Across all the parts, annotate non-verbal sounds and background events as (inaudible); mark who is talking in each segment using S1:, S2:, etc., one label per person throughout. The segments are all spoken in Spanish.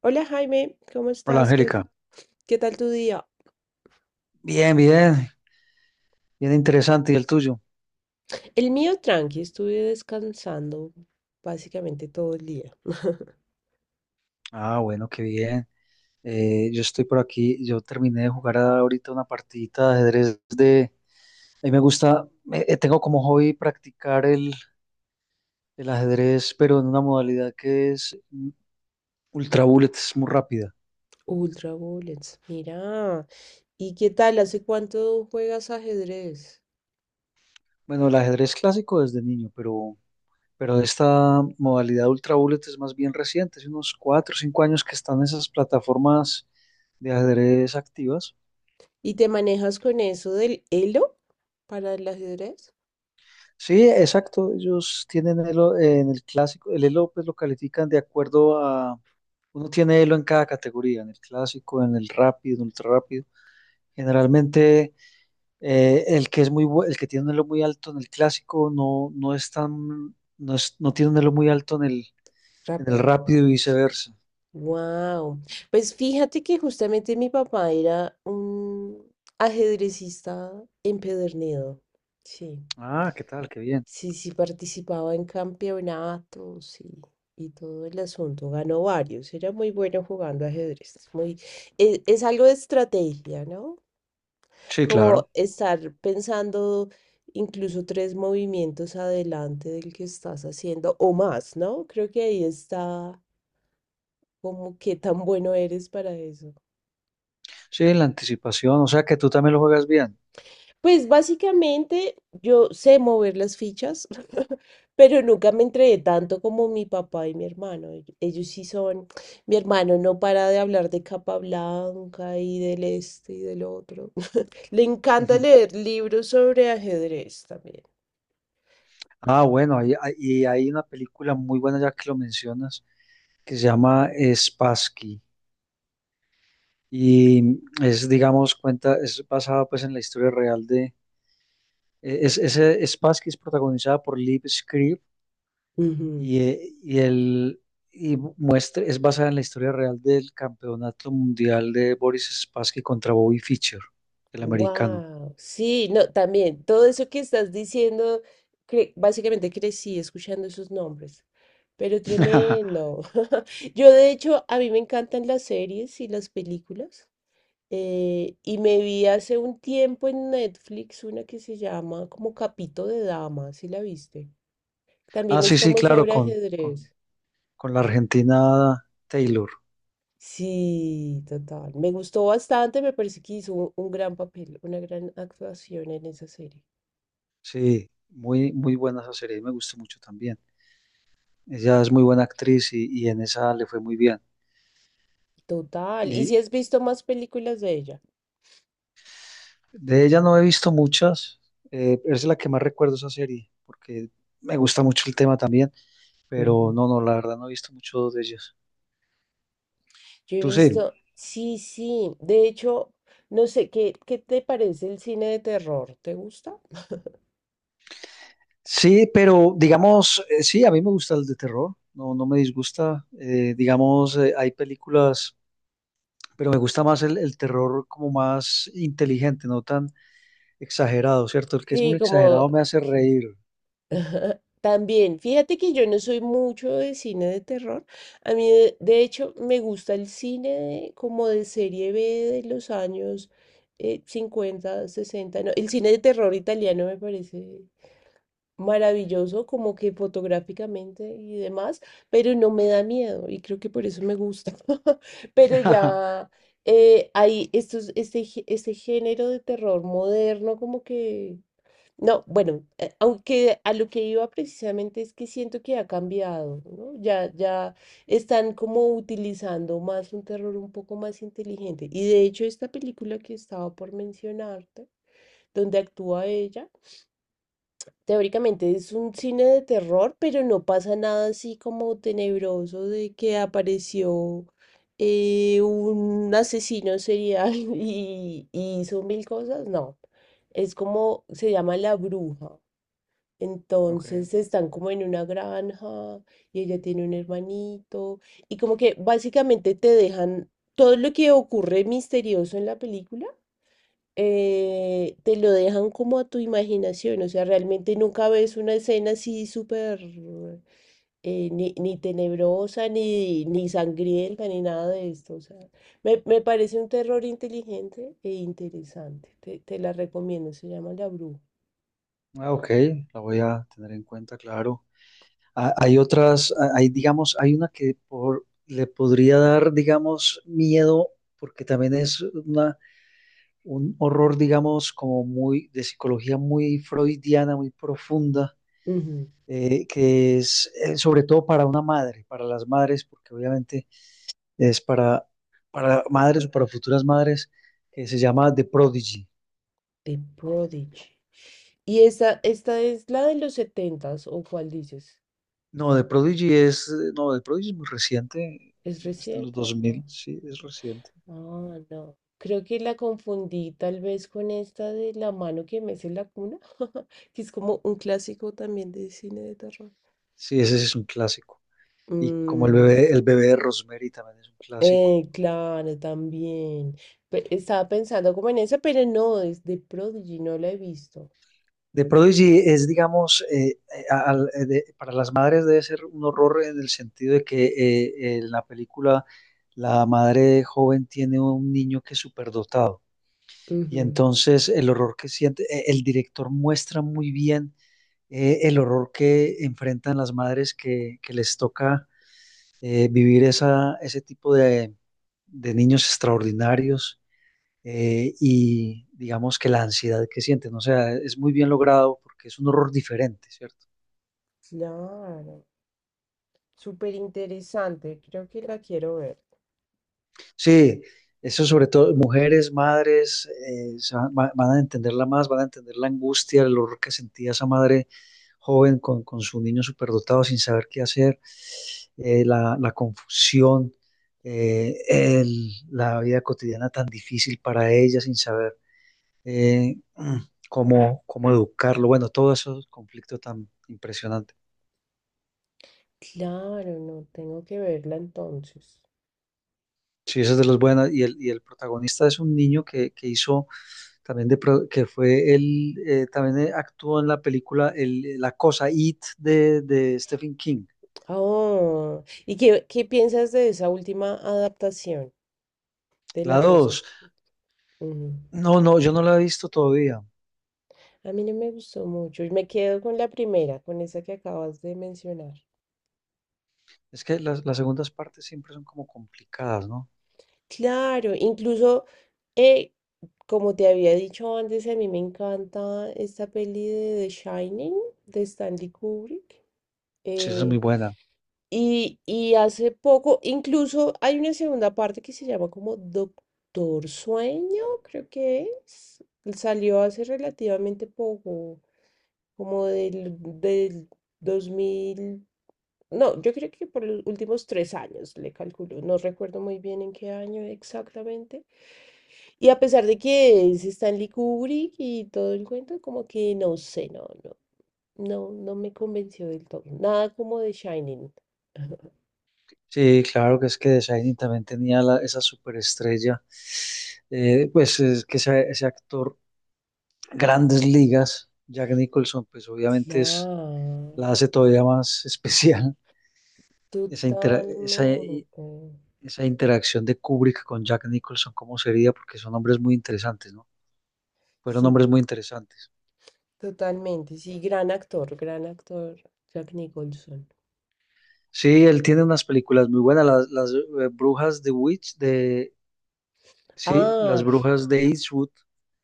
S1: Hola Jaime, ¿cómo
S2: Hola
S1: estás? ¿Qué,
S2: Angélica.
S1: qué tal tu día?
S2: Bien, bien, bien interesante. ¿Y el tuyo?
S1: El mío tranqui, estuve descansando básicamente todo el día. (laughs)
S2: Ah, bueno, qué bien. Yo estoy por aquí. Yo terminé de jugar ahorita una partidita de ajedrez. A mí me gusta, tengo como hobby practicar el ajedrez, pero en una modalidad que es ultra bullet, es muy rápida.
S1: Ultra Bullets, mira. ¿Y qué tal? ¿Hace cuánto juegas ajedrez?
S2: Bueno, el ajedrez clásico desde niño, pero esta modalidad ultra bullet es más bien reciente, hace unos 4 o 5 años que están esas plataformas de ajedrez activas.
S1: ¿Y te manejas con eso del Elo para el ajedrez?
S2: Sí, exacto. Ellos tienen elo en el clásico, el elo pues lo califican de acuerdo a, uno tiene elo en cada categoría, en el clásico, en el rápido, en el ultra rápido. Generalmente el que es el que tiene un elo muy alto en el clásico, no, no es tan, no tiene un elo muy alto en el
S1: Rápido.
S2: rápido y viceversa.
S1: Wow. Pues fíjate que justamente mi papá era un ajedrecista empedernido. Sí.
S2: Ah, ¿qué tal? Qué bien.
S1: Sí, sí, participaba en campeonatos y todo el asunto. Ganó varios. Era muy bueno jugando ajedrez. Es Muy, e- es, Algo de estrategia, ¿no?
S2: Sí, claro.
S1: Como estar pensando incluso tres movimientos adelante del que estás haciendo o más, ¿no? Creo que ahí está como qué tan bueno eres para eso.
S2: Sí, la anticipación, o sea que tú también lo juegas bien.
S1: Pues básicamente yo sé mover las fichas, (laughs) pero nunca me entregué tanto como mi papá y mi hermano. Ellos sí son, mi hermano no para de hablar de Capablanca y del este y del otro. (laughs) Le encanta
S2: Ujú.
S1: leer libros sobre ajedrez también.
S2: Ah, bueno, y hay una película muy buena ya que lo mencionas, que se llama Spassky y es digamos, es basada pues en la historia real de, ese Spassky es protagonizada por Liv Schreiber. Y, eh, y, el, y muestra, es basada en la historia real del campeonato mundial de Boris Spassky contra Bobby Fischer, el americano.
S1: Wow, sí, no, también todo eso que estás diciendo, básicamente crecí escuchando esos nombres, pero
S2: (laughs)
S1: tremendo. Yo de hecho, a mí me encantan las series y las películas. Y me vi hace un tiempo en Netflix una que se llama como Capito de Dama, ¿si la viste?
S2: Ah,
S1: También es
S2: sí, sí,
S1: como
S2: claro,
S1: sobre
S2: con, con,
S1: ajedrez.
S2: con la argentina Taylor.
S1: Sí, total. Me gustó bastante, me parece que hizo un gran papel, una gran actuación en esa serie.
S2: Sí, muy, muy buena esa serie, me gustó mucho también. Ella es muy buena actriz y en esa le fue muy bien.
S1: Total. ¿Y si
S2: Y
S1: has visto más películas de
S2: de ella no he visto muchas, es la que más recuerdo esa serie, porque me gusta mucho el tema también, pero
S1: ella?
S2: no, no, la verdad no he visto mucho de ellas.
S1: Yo he
S2: Tú sí.
S1: visto, sí, sí, de hecho, no sé, ¿qué te parece el cine de terror? ¿Te gusta? (laughs)
S2: Sí, pero digamos, sí, a mí me gusta el de terror, no, no me disgusta. Digamos, hay películas, pero me gusta más el terror como más inteligente, no tan exagerado, ¿cierto? El que es
S1: Sí,
S2: muy
S1: como
S2: exagerado me hace
S1: que-
S2: reír.
S1: Ajá, también, fíjate que yo no soy mucho de cine de terror. A mí, de hecho, me gusta el cine como de serie B de los años 50, 60. ¿No? El cine de terror italiano me parece maravilloso, como que fotográficamente y demás, pero no me da miedo y creo que por eso me gusta. (laughs) Pero
S2: (laughs)
S1: ya hay estos, este, gé- este género de terror moderno como que no, bueno, aunque a lo que iba precisamente es que siento que ha cambiado, ¿no? Ya están como utilizando más un terror un poco más inteligente. Y de hecho, esta película que estaba por mencionarte, donde actúa ella, teóricamente es un cine de terror, pero no pasa nada así como tenebroso de que apareció un asesino serial (laughs) y hizo mil cosas. No, es como se llama La Bruja.
S2: Ok,
S1: Entonces están como en una granja y ella tiene un hermanito y como que básicamente te dejan todo lo que ocurre misterioso en la película, te lo dejan como a tu imaginación, o sea, realmente nunca ves una escena así súper ni tenebrosa, ni sangrienta, ni nada de esto, o sea, me parece un terror inteligente e interesante, te la recomiendo, se llama La Bruja.
S2: ah, ok, la voy a tener en cuenta, claro. Ah, hay otras, ah, hay, digamos, hay una que por, le podría dar, digamos, miedo, porque también es una un horror, digamos, como muy de psicología muy freudiana, muy profunda,
S1: Ujú.
S2: que es sobre todo para una madre, para las madres, porque obviamente es para madres o para futuras madres, que se llama The Prodigy.
S1: The Prodigy. ¿Y esta es la de los setentas o cuál dices?
S2: No, The Prodigy es, no, The Prodigy es muy reciente,
S1: ¿Es
S2: es de los
S1: reciente?
S2: dos
S1: Ah,
S2: mil, sí, es reciente.
S1: ah, no. Creo que la confundí tal vez con esta de La mano que mece la cuna, (laughs) que es como un clásico también de cine de terror.
S2: Sí, ese sí es un clásico. Y como el
S1: Mm,
S2: bebé, el bebé de Rosemary también es un clásico.
S1: claro, también. Estaba pensando como en esa, pero no, es de Prodigy, no la he visto.
S2: The Prodigy es, digamos, para las madres debe ser un horror en el sentido de que en la película la madre joven tiene un niño que es superdotado y
S1: Ujú.
S2: entonces el horror que siente, el director muestra muy bien el horror que enfrentan las madres que les toca vivir ese tipo de niños extraordinarios y digamos que la ansiedad que sienten. O sea, es muy bien logrado porque es un horror diferente, ¿cierto?
S1: Claro, súper interesante, creo que la quiero ver.
S2: Sí, eso sobre todo mujeres, madres, van a entenderla más, van a entender la angustia, el horror que sentía esa madre joven con su niño superdotado sin saber qué hacer, la confusión, la vida cotidiana tan difícil para ella sin saber eh, mm, cómo educarlo. Bueno, todo ese conflicto tan impresionante.
S1: Claro, no tengo que verla entonces.
S2: Sí, esa es de las buenas. Y el protagonista es un niño que hizo también de, pro- que fue él, también actuó en la película La Cosa, It de Stephen King.
S1: Ah, oh, ¿y qué piensas de esa última adaptación de la
S2: La
S1: cosa?
S2: dos,
S1: Ujú.
S2: no, no, yo no la he visto todavía.
S1: A mí no me gustó mucho y me quedo con la primera, con esa que acabas de mencionar.
S2: Es que las segundas partes siempre son como complicadas, ¿no?
S1: Claro, incluso, eh, como te había dicho antes, a mí me encanta esta peli de The Shining de Stanley Kubrick.
S2: Sí, esa es muy
S1: Eh,
S2: buena.
S1: Y hace poco, incluso hay una segunda parte que se llama como Doctor Sueño, creo que es. Salió hace relativamente poco, como del dos mil. No, yo creo que por los últimos tres años le calculo. No recuerdo muy bien en qué año exactamente. Y a pesar de que es Stanley Kubrick y todo el cuento, como que no sé, no me convenció del todo. Nada como de Shining.
S2: Sí, claro que es que The Shining también tenía esa superestrella. Pues es que ese actor, grandes ligas, Jack Nicholson, pues obviamente la
S1: Claro.
S2: hace todavía más (laughs) especial. esa, intera- esa, e,
S1: Totalmente.
S2: esa interacción de Kubrick con Jack Nicholson, ¿cómo sería? Porque son hombres muy interesantes, ¿no? Fueron
S1: Sí,
S2: hombres muy interesantes.
S1: totalmente. Sí, gran actor, Jack Nicholson.
S2: Sí, él tiene unas películas muy buenas, las brujas de Witch, sí, las
S1: Ah,
S2: brujas de Eastwood,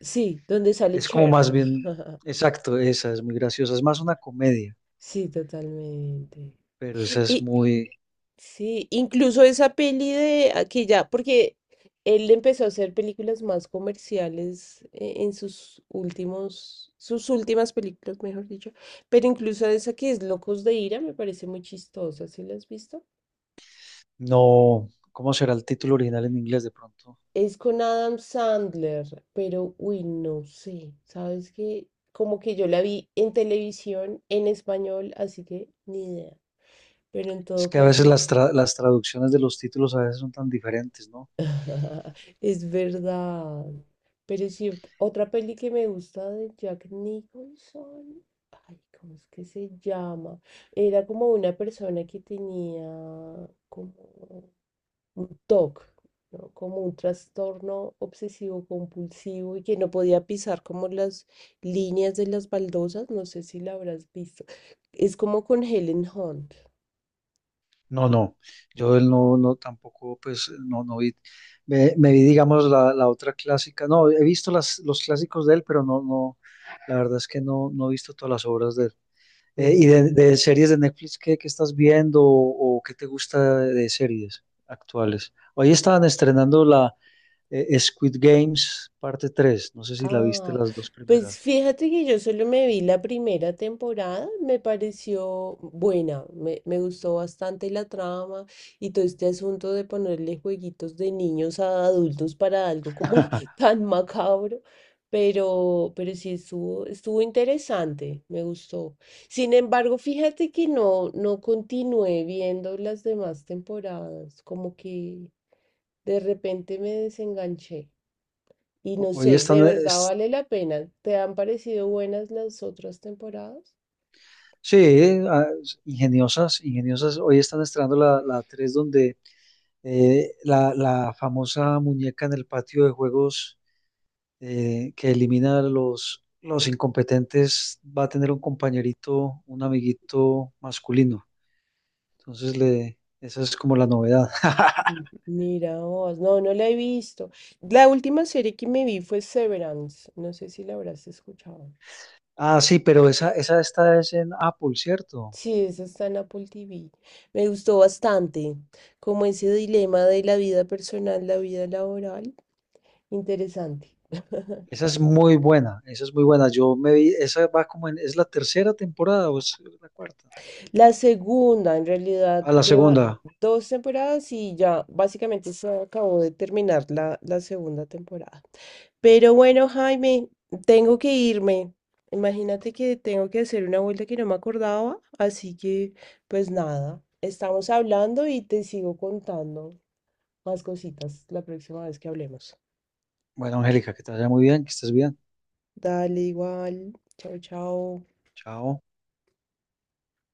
S1: sí, donde sale
S2: es como
S1: Cher.
S2: más
S1: (laughs)
S2: bien, exacto, esa es muy graciosa, es más una comedia,
S1: Sí, totalmente.
S2: pero
S1: Y,
S2: esa es
S1: y-
S2: muy,
S1: sí, incluso esa peli de aquí ya, porque él empezó a hacer películas más comerciales eh, sus últimas películas, mejor dicho. Pero incluso esa que es Locos de Ira me parece muy chistosa. ¿Sí la has visto?
S2: no, ¿cómo será el título original en inglés de pronto?
S1: Es con Adam Sandler, pero uy, no sé. ¿Sabes qué? Como que yo la vi en televisión en español, así que ni idea. Pero en
S2: Es
S1: todo
S2: que a veces
S1: caso,
S2: las traducciones de los títulos a veces son tan diferentes, ¿no?
S1: (laughs) es verdad. Pero sí, otra peli que me gusta de Jack Nicholson. Ay, ¿cómo es que se llama? Era como una persona que tenía como un TOC, ¿no? Como un trastorno obsesivo compulsivo y que no podía pisar como las líneas de las baldosas, no sé si la habrás visto. Es como con Helen Hunt.
S2: No, no, yo él no, no, tampoco, pues, no, no vi, me vi, digamos, la otra clásica, no, he visto los clásicos de él, pero no, no, la verdad es que no, no he visto todas las obras de él. Eh, y
S1: Mm.
S2: de, de series de Netflix, ¿qué estás viendo o qué te gusta de series actuales? Hoy estaban estrenando la Squid Games parte 3. No sé si la viste,
S1: Ah,
S2: las dos
S1: pues
S2: primeras.
S1: fíjate que yo solo me vi la primera temporada, me pareció buena, me gustó bastante la trama y todo este asunto de ponerle jueguitos de niños a adultos para algo como (laughs)
S2: (laughs)
S1: tan macabro, pero sí estuvo interesante, me gustó. Sin embargo, fíjate que no continué viendo las demás temporadas, como que de repente me desenganché. Y no
S2: Hoy
S1: sé, ¿de verdad vale la pena? ¿Te han parecido buenas las otras temporadas?
S2: sí, ah, ingeniosas, ingeniosas, hoy están estrenando la 3 donde la famosa muñeca en el patio de juegos que elimina a los incompetentes va a tener un compañerito, un amiguito masculino. Entonces, esa es como la novedad. (laughs)
S1: Ujú. Mira vos, no, no la he visto. La última serie que me vi fue Severance, no sé si la habrás escuchado.
S2: Ah, sí, pero esa esta es en Apple, ¿cierto?
S1: Sí, esa está en Apple TV. Me gustó bastante, como ese dilema de la vida personal, la vida laboral, interesante. (laughs)
S2: Esa es muy buena, esa es muy buena. Yo me vi, esa va ¿es la tercera temporada o es la cuarta?
S1: La segunda, en realidad,
S2: A la
S1: lleva
S2: segunda.
S1: dos temporadas y ya básicamente se acabó de terminar la segunda temporada. Pero bueno, Jaime, tengo que irme. Imagínate que tengo que hacer una vuelta que no me acordaba, así que pues nada, estamos hablando y te sigo contando más cositas la próxima vez que hablemos.
S2: Bueno, Angélica, que te vaya muy bien, que estés bien.
S1: Dale igual. Chao, chao.
S2: Chao.